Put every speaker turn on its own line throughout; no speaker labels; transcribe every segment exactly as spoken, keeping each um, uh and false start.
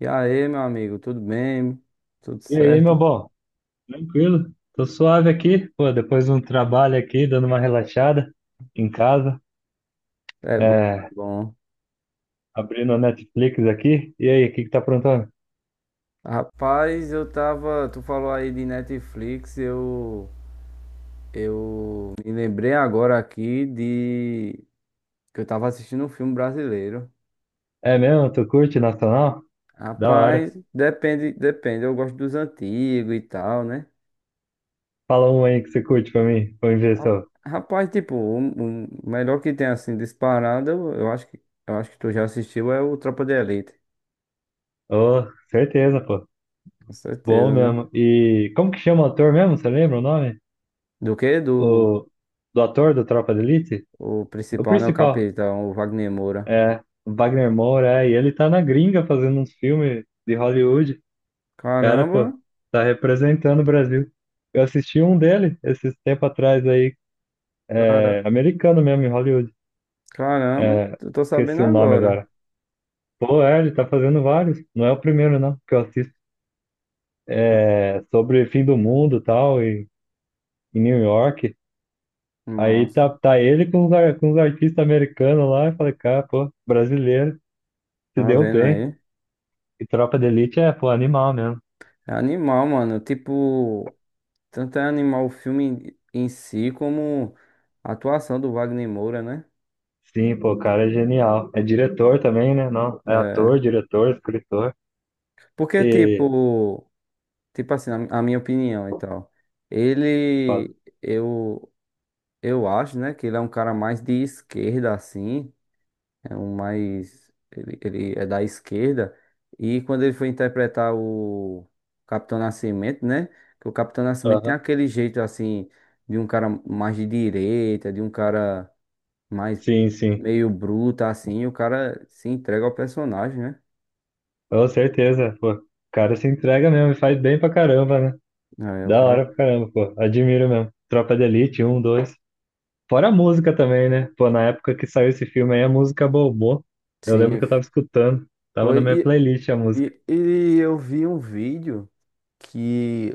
E aí, meu amigo, tudo bem? Tudo
E aí, meu
certo?
bom? Tranquilo? Tô suave aqui, pô, depois de um trabalho aqui, dando uma relaxada em casa,
É bom,
é,
é bom.
abrindo a Netflix aqui. E aí, o que que tá aprontando?
Rapaz, eu tava. Tu falou aí de Netflix, eu. Eu me lembrei agora aqui de. Que eu tava assistindo um filme brasileiro.
É mesmo? Tu curte Nacional? Da hora.
Rapaz, depende, depende. Eu gosto dos antigos e tal, né?
Fala um aí que você curte pra mim, pra mim ver se
Ra-
eu...
Rapaz, tipo, o um, melhor que tem assim disparado, eu, eu acho que. Eu acho que tu já assistiu é o Tropa de Elite.
Ô, certeza, pô.
Com
Bom
certeza, né?
mesmo. E como que chama o ator mesmo? Você lembra o nome?
Do quê? Do.
O... Do ator do Tropa de Elite?
O
O
principal, né? O
principal.
capitão, o Wagner Moura.
É, Wagner Moura, é, e ele tá na gringa fazendo uns filmes de Hollywood. Cara,
Caramba,
pô, tá representando o Brasil. Eu assisti um dele esses tempo atrás aí, é,
cara,
americano mesmo, em Hollywood.
caramba,
É,
eu tô sabendo
esqueci o nome
agora.
agora. Pô, é, ele tá fazendo vários. Não é o primeiro, não, que eu assisto.
Ah,
É, sobre fim do mundo e tal, e, em New York. Aí
massa,
tá, tá ele com os, ar- com os artistas americanos lá. Eu falei, cara, pô, brasileiro, se
tá
deu
vendo
bem.
aí?
E Tropa de Elite é, pô, animal mesmo.
É animal, mano. Tipo, tanto é animal o filme em si, como a atuação do Wagner Moura, né?
Sim, pô, o cara é genial. É diretor também, né? Não, é ator,
É,
diretor, escritor.
porque,
E
tipo, tipo assim, a a minha opinião e tal.
foda.
Ele, eu, eu acho, né, que ele é um cara mais de esquerda, assim. É um mais. Ele, ele é da esquerda. E quando ele foi interpretar o Capitão Nascimento, né? Que o Capitão Nascimento tem
Aham.
aquele jeito assim, de um cara mais de direita, de um cara mais
Sim, sim.
meio bruto, assim. E o cara se entrega ao personagem, né?
Com certeza, pô. O cara se entrega mesmo e faz bem pra caramba, né?
É, o
Da hora pra
cara.
caramba, pô. Admiro mesmo. Tropa de Elite, um, dois. Fora a música também, né? Pô, na época que saiu esse filme aí, a música bombou. Eu lembro que
Sim,
eu tava escutando. Tava na
foi.
minha
E,
playlist a música.
e, e eu vi um vídeo que,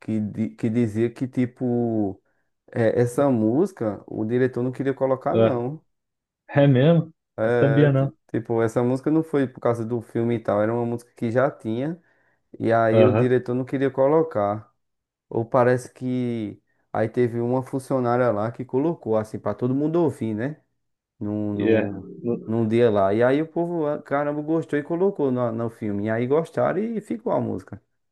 que, di- que dizia que, tipo, é, essa música o diretor não queria colocar,
Ah,
não.
é mesmo? Não
É,
sabia,
ti-
não.
tipo, essa música não foi por causa do filme e tal, era uma música que já tinha, e aí o
Aham.
diretor não queria colocar. Ou parece que aí teve uma funcionária lá que colocou, assim, pra todo mundo ouvir, né? Num,
E é.
num,
Não,
num dia lá. E aí o povo, ah, caramba, gostou e colocou no, no filme. E aí gostaram e ficou a música.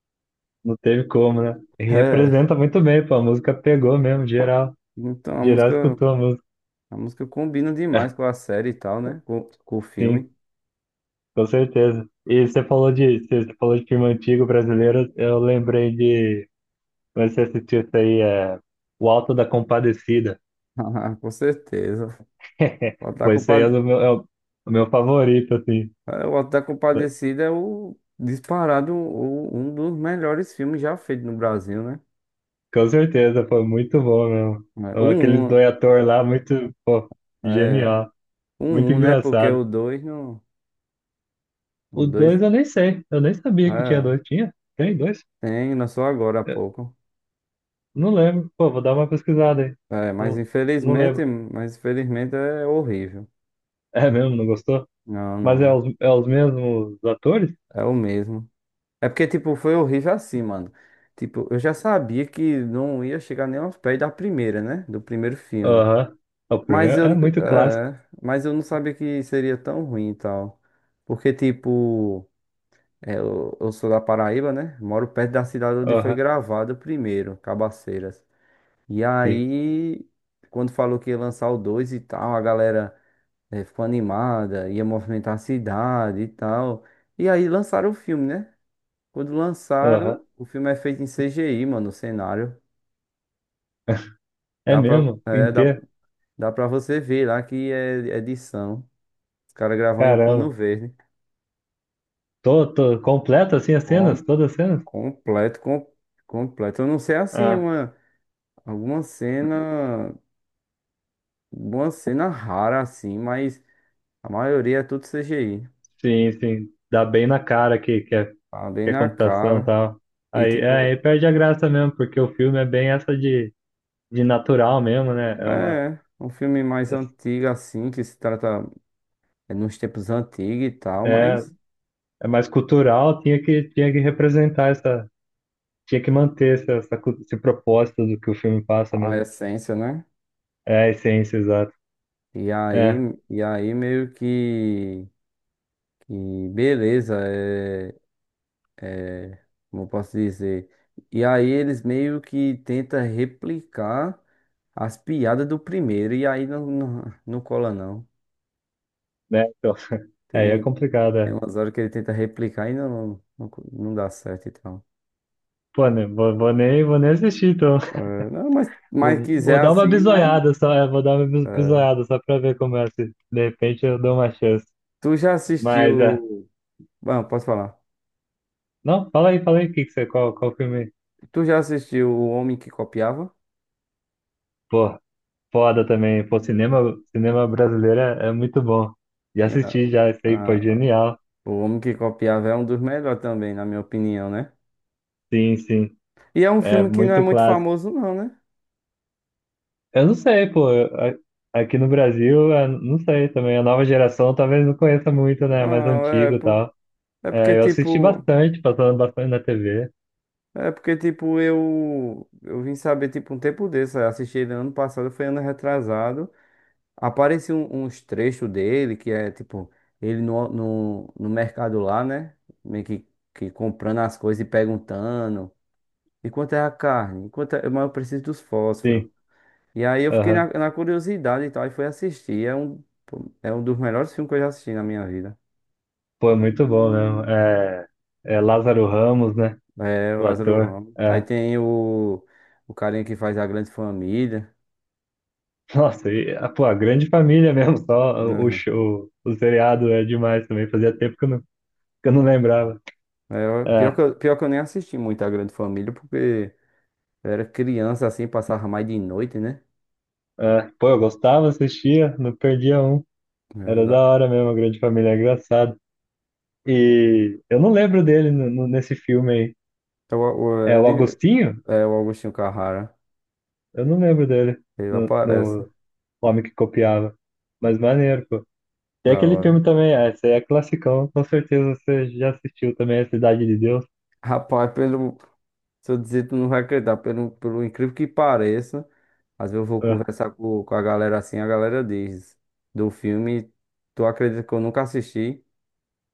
não teve como, né? E
É,
representa muito bem, pô. A música pegou mesmo, geral.
então a
Geral
música,
escutou a música.
a música combina demais com a série e tal, né? Com, com o
Sim.
filme.
Com certeza. E você falou de, você falou de filme antigo brasileiro, eu lembrei de, mas você assistiu isso aí, é O Alto da Compadecida.
Com certeza. Pode estar
Foi isso aí é o
culpado.
meu, é o o meu favorito, assim.
Ah, O Auto da Compadecida é o disparado o- um dos melhores filmes já feitos no Brasil, né?
Com certeza, foi muito bom mesmo.
É, o
Então, aqueles
um,
dois atores lá, muito, pô,
é,
genial.
o
Muito
um, né? Porque
engraçado.
o dois não, o
O
dois
dois eu nem sei, eu nem sabia que tinha
é,
dois. Tinha? Tem dois?
tem, lançou agora há
Eu
pouco.
não lembro. Pô, vou dar uma pesquisada aí.
É, mas
Não, não
infelizmente,
lembro.
mas infelizmente é horrível.
É mesmo, não gostou?
Não,
Mas é
não,
os, é os mesmos atores?
é o mesmo. É porque tipo foi horrível assim, mano. Tipo, eu já sabia que não ia chegar nem aos pés da primeira, né? Do primeiro filme.
Aham. É o
Mas
primeiro é
eu,
muito clássico.
é, mas eu não sabia que seria tão ruim e tal. Porque, tipo, é, eu, eu sou da Paraíba, né? Moro perto da cidade onde foi
Aham,
gravado o primeiro, Cabaceiras. E
sim.
aí, quando falou que ia lançar o dois e tal, a galera é, ficou animada, ia movimentar a cidade e tal. E aí lançaram o filme, né? Quando lançaram,
Aham.
o filme é feito em C G I, mano, o cenário.
É
Dá pra,
mesmo?
é, dá,
Inteiro?
dá pra você ver lá que é é edição. Os caras gravam em um pano
Caramba.
verde.
Tô, tô completo assim as cenas?
Com,
Todas as cenas?
completo, com, completo. Eu não sei assim,
Ah,
uma, alguma cena, alguma cena rara assim, mas a maioria é tudo C G I.
sim, sim. Dá bem na cara que, que, é,
Tá bem
que é
na
computação e
cara.
tal.
E
Aí, é,
tipo,
aí perde a graça mesmo, porque o filme é bem essa de, de natural mesmo, né? É uma,
é um filme mais antigo assim, que se trata é, nos tempos antigos e tal,
é,
mas
é mais cultural, tinha que, tinha que representar essa, tinha que manter essa, essa, cu- esse propósito do que o filme passa
a
mesmo.
essência, né?
É, a essência, exato.
E aí,
É,
e aí meio que, que beleza, é como eu posso dizer. E aí eles meio que tentam replicar as piadas do primeiro, e aí não, não, não cola não.
né? Então, aí é
Tem,
complicado,
tem
é.
umas horas que ele tenta replicar e não, não, não dá certo e tal.
Pô, né, vou, vou nem, vou nem assistir, então.
É, não, mas, mas
Vou, vou
quiser
dar uma
assim, mas.
bisoiada só, é, vou dar uma bis-
É.
bisoiada só pra ver como é. Se de repente eu dou uma chance.
Tu já
Mas, é.
assistiu. Bom, posso falar.
Não, fala aí, fala aí, o que que você, qual, qual filme?
Tu já assistiu O Homem que Copiava?
Pô, foda também. Pô, cinema, cinema brasileiro é, é muito bom. Já
Ah,
assisti, já, isso aí, pô,
ah,
genial.
o Homem que Copiava é um dos melhores também, na minha opinião, né?
Sim, sim.
E é um
É
filme que não é
muito
muito
clássico.
famoso, não, né?
Eu não sei, pô. A- Aqui no Brasil, é, não sei também. A nova geração talvez não conheça muito, né? Mais
Não, é.
antigo e tal.
É porque,
É, eu assisti
tipo,
bastante, passando bastante na T V.
é porque, tipo, eu, eu vim saber, tipo, um tempo desse, eu assisti ele ano passado, foi ano retrasado, apareceu um- uns trechos dele, que é, tipo, ele no, no, no mercado lá, né, meio que, que comprando as coisas e perguntando, e quanto é a carne, e quanto é, mas eu preciso dos fósforos,
Sim.
e aí eu fiquei na,
Aham.
na curiosidade e tal, e fui assistir, é um, pô, é um dos melhores filmes que eu já assisti na minha vida,
Pô, é muito bom mesmo. É, é Lázaro Ramos, né?
é o
O
Lázaro
ator.
Ramos, aí
É.
tem o, o carinha que faz a grande família.
Nossa, e, ah, pô, a grande família mesmo, só o,
Aham.
show, o seriado é demais também. Fazia tempo que eu não, que eu não lembrava.
É, eu- pior
É,
que eu, pior que eu nem assisti muito a Grande Família, porque eu era criança assim, passava mais de noite, né?
é. Pô, eu gostava, assistia, não perdia um.
É,
Era da
da-
hora mesmo, a grande família, é engraçado. E eu não lembro dele no, no- nesse filme aí.
é o, o-
É o
ele,
Agostinho?
é o Agostinho Carrara.
Eu não lembro dele
Ele
no,
aparece.
no Homem que Copiava. Mas maneiro, pô. E
Da
aquele
hora.
filme também, é, esse aí é classicão, com certeza você já assistiu também, A Cidade de Deus.
Rapaz, pelo. Se eu dizer, tu não vai acreditar, pelo, pelo incrível que pareça. Às vezes eu vou
É.
conversar com, com a galera assim, a galera diz do filme, tu acredita que eu nunca assisti?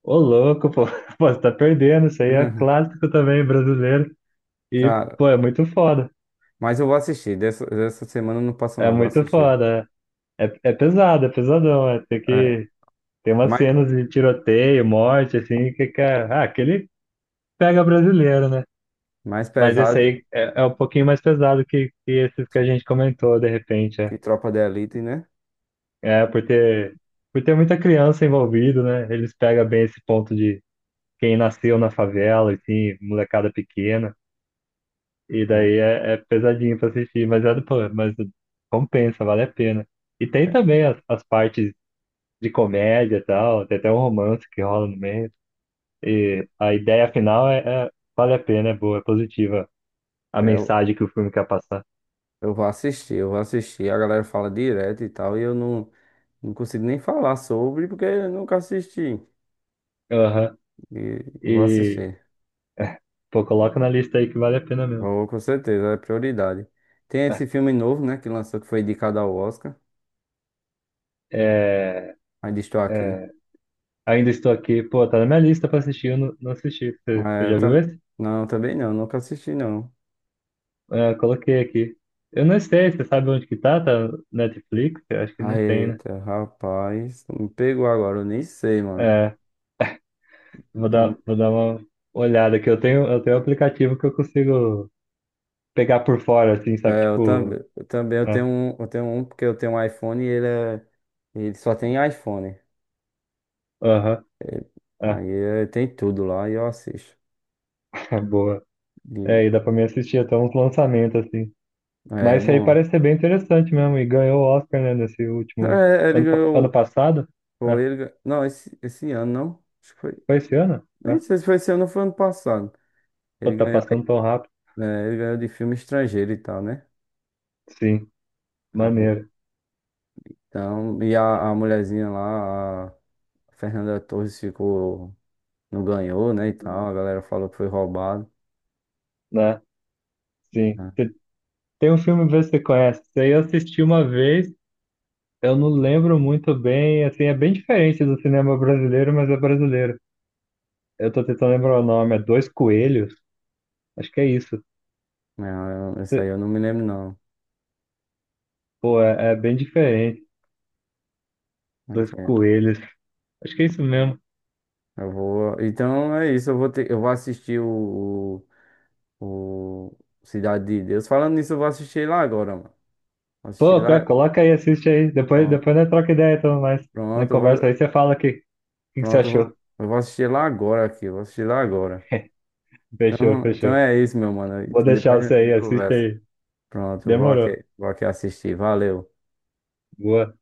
Ô louco, pô. Pô, você tá perdendo, isso aí é clássico também, brasileiro. E,
Cara,
pô, é muito foda.
mas eu vou assistir. Dessa, dessa semana eu não passa
É
não, vou
muito
assistir.
foda. É, é é pesado, é pesadão. É, tem
É,
que. Tem umas
mas,
cenas de tiroteio, morte, assim, que, cara. Ah, aquele pega brasileiro, né?
mais
Mas esse
pesado
aí é, é um pouquinho mais pesado que, que esses que a gente comentou, de repente. É,
que Tropa da Elite, né?
é por ter, por ter muita criança envolvida, né? Eles pegam bem esse ponto de quem nasceu na favela, assim, molecada pequena. E daí é, é pesadinho pra assistir, mas, é, do- pô, mas compensa, vale a pena. E tem também as, as partes de comédia e tal, tem até um romance que rola no meio. E a ideia final é, é- vale a pena, é boa, é positiva a
É, Eu,
mensagem que o filme quer passar.
eu vou assistir, eu vou assistir. A galera fala direto e tal, e eu não, não consigo nem falar sobre porque eu nunca assisti.
Aham.
E vou assistir.
Pô, coloca na lista aí que vale a pena mesmo.
Vou, com certeza, é prioridade. Tem esse filme novo, né, que lançou, que foi indicado ao Oscar.
É,
Ainda estou aqui.
é, ainda estou aqui. Pô, tá na minha lista pra assistir, eu não, não assisti. Você, você
É, eu
já viu
tam...
esse?
Não, também não, nunca assisti não.
É, coloquei aqui. Eu não sei, você sabe onde que tá? Tá no Netflix? Eu acho que
Ah,
não tem, né?
eita, rapaz, me pegou agora, eu nem sei, mano.
É, vou
Então,
dar, vou dar uma olhada aqui. Eu tenho, eu tenho um aplicativo que eu consigo pegar por fora, assim, sabe?
é, eu também,
Tipo,
eu também eu
né?
tenho um, eu tenho um porque eu tenho um iPhone e ele é, ele só tem iPhone.
Aham,
É,
ah,
aí é, tem tudo lá e eu assisto.
boa.
E
É, e dá pra mim assistir até uns lançamentos, assim.
é
Mas isso aí
bom.
parece ser bem interessante mesmo. E ganhou o Oscar, né, nesse último.
É, ele
Ano, pa- ano
ganhou,
passado?
ou
É,
ele, gan- não, esse, esse ano não, acho que foi,
foi esse ano?
nem
É,
sei se foi esse ano ou foi ano passado.
só
Ele
tá
ganhou, é,
passando tão rápido.
ele ganhou de filme estrangeiro e tal, né?
Sim,
Aí,
maneiro,
então, e a, a mulherzinha lá, a Fernanda Torres ficou, não ganhou, né, e tal, a galera falou que foi roubado.
né? Sim.
Né?
Te- Tem um filme, vê se você conhece. Isso aí eu assisti uma vez, eu não lembro muito bem. Assim, é bem diferente do cinema brasileiro, mas é brasileiro. Eu tô tentando lembrar o nome. É Dois Coelhos? Acho que é isso.
Não, eu- isso
Cê-
aí eu não me lembro, não.
Pô, é, é bem diferente.
Mas,
Dois
é,
Coelhos. Acho que é isso mesmo.
eu vou. Então é isso, eu vou ter... eu vou assistir o, o, o Cidade de Deus. Falando nisso, eu vou assistir lá agora, mano. Vou assistir
Pô, é,
lá.
coloca aí, assiste aí. Depois,
Ó,
depois nós troca ideia, então, mais. Na
pronto, eu
conversa aí
vou...
você fala o que, o que, que você
pronto, eu
achou.
vou... eu vou assistir lá agora aqui. Eu vou assistir lá agora.
Fechou,
Então, então
fechou.
é isso, meu mano.
Vou
Então
deixar
depois a
você aí,
gente
assiste
conversa.
aí.
Pronto, eu vou
Demorou.
aqui, vou aqui assistir. Valeu.
Boa.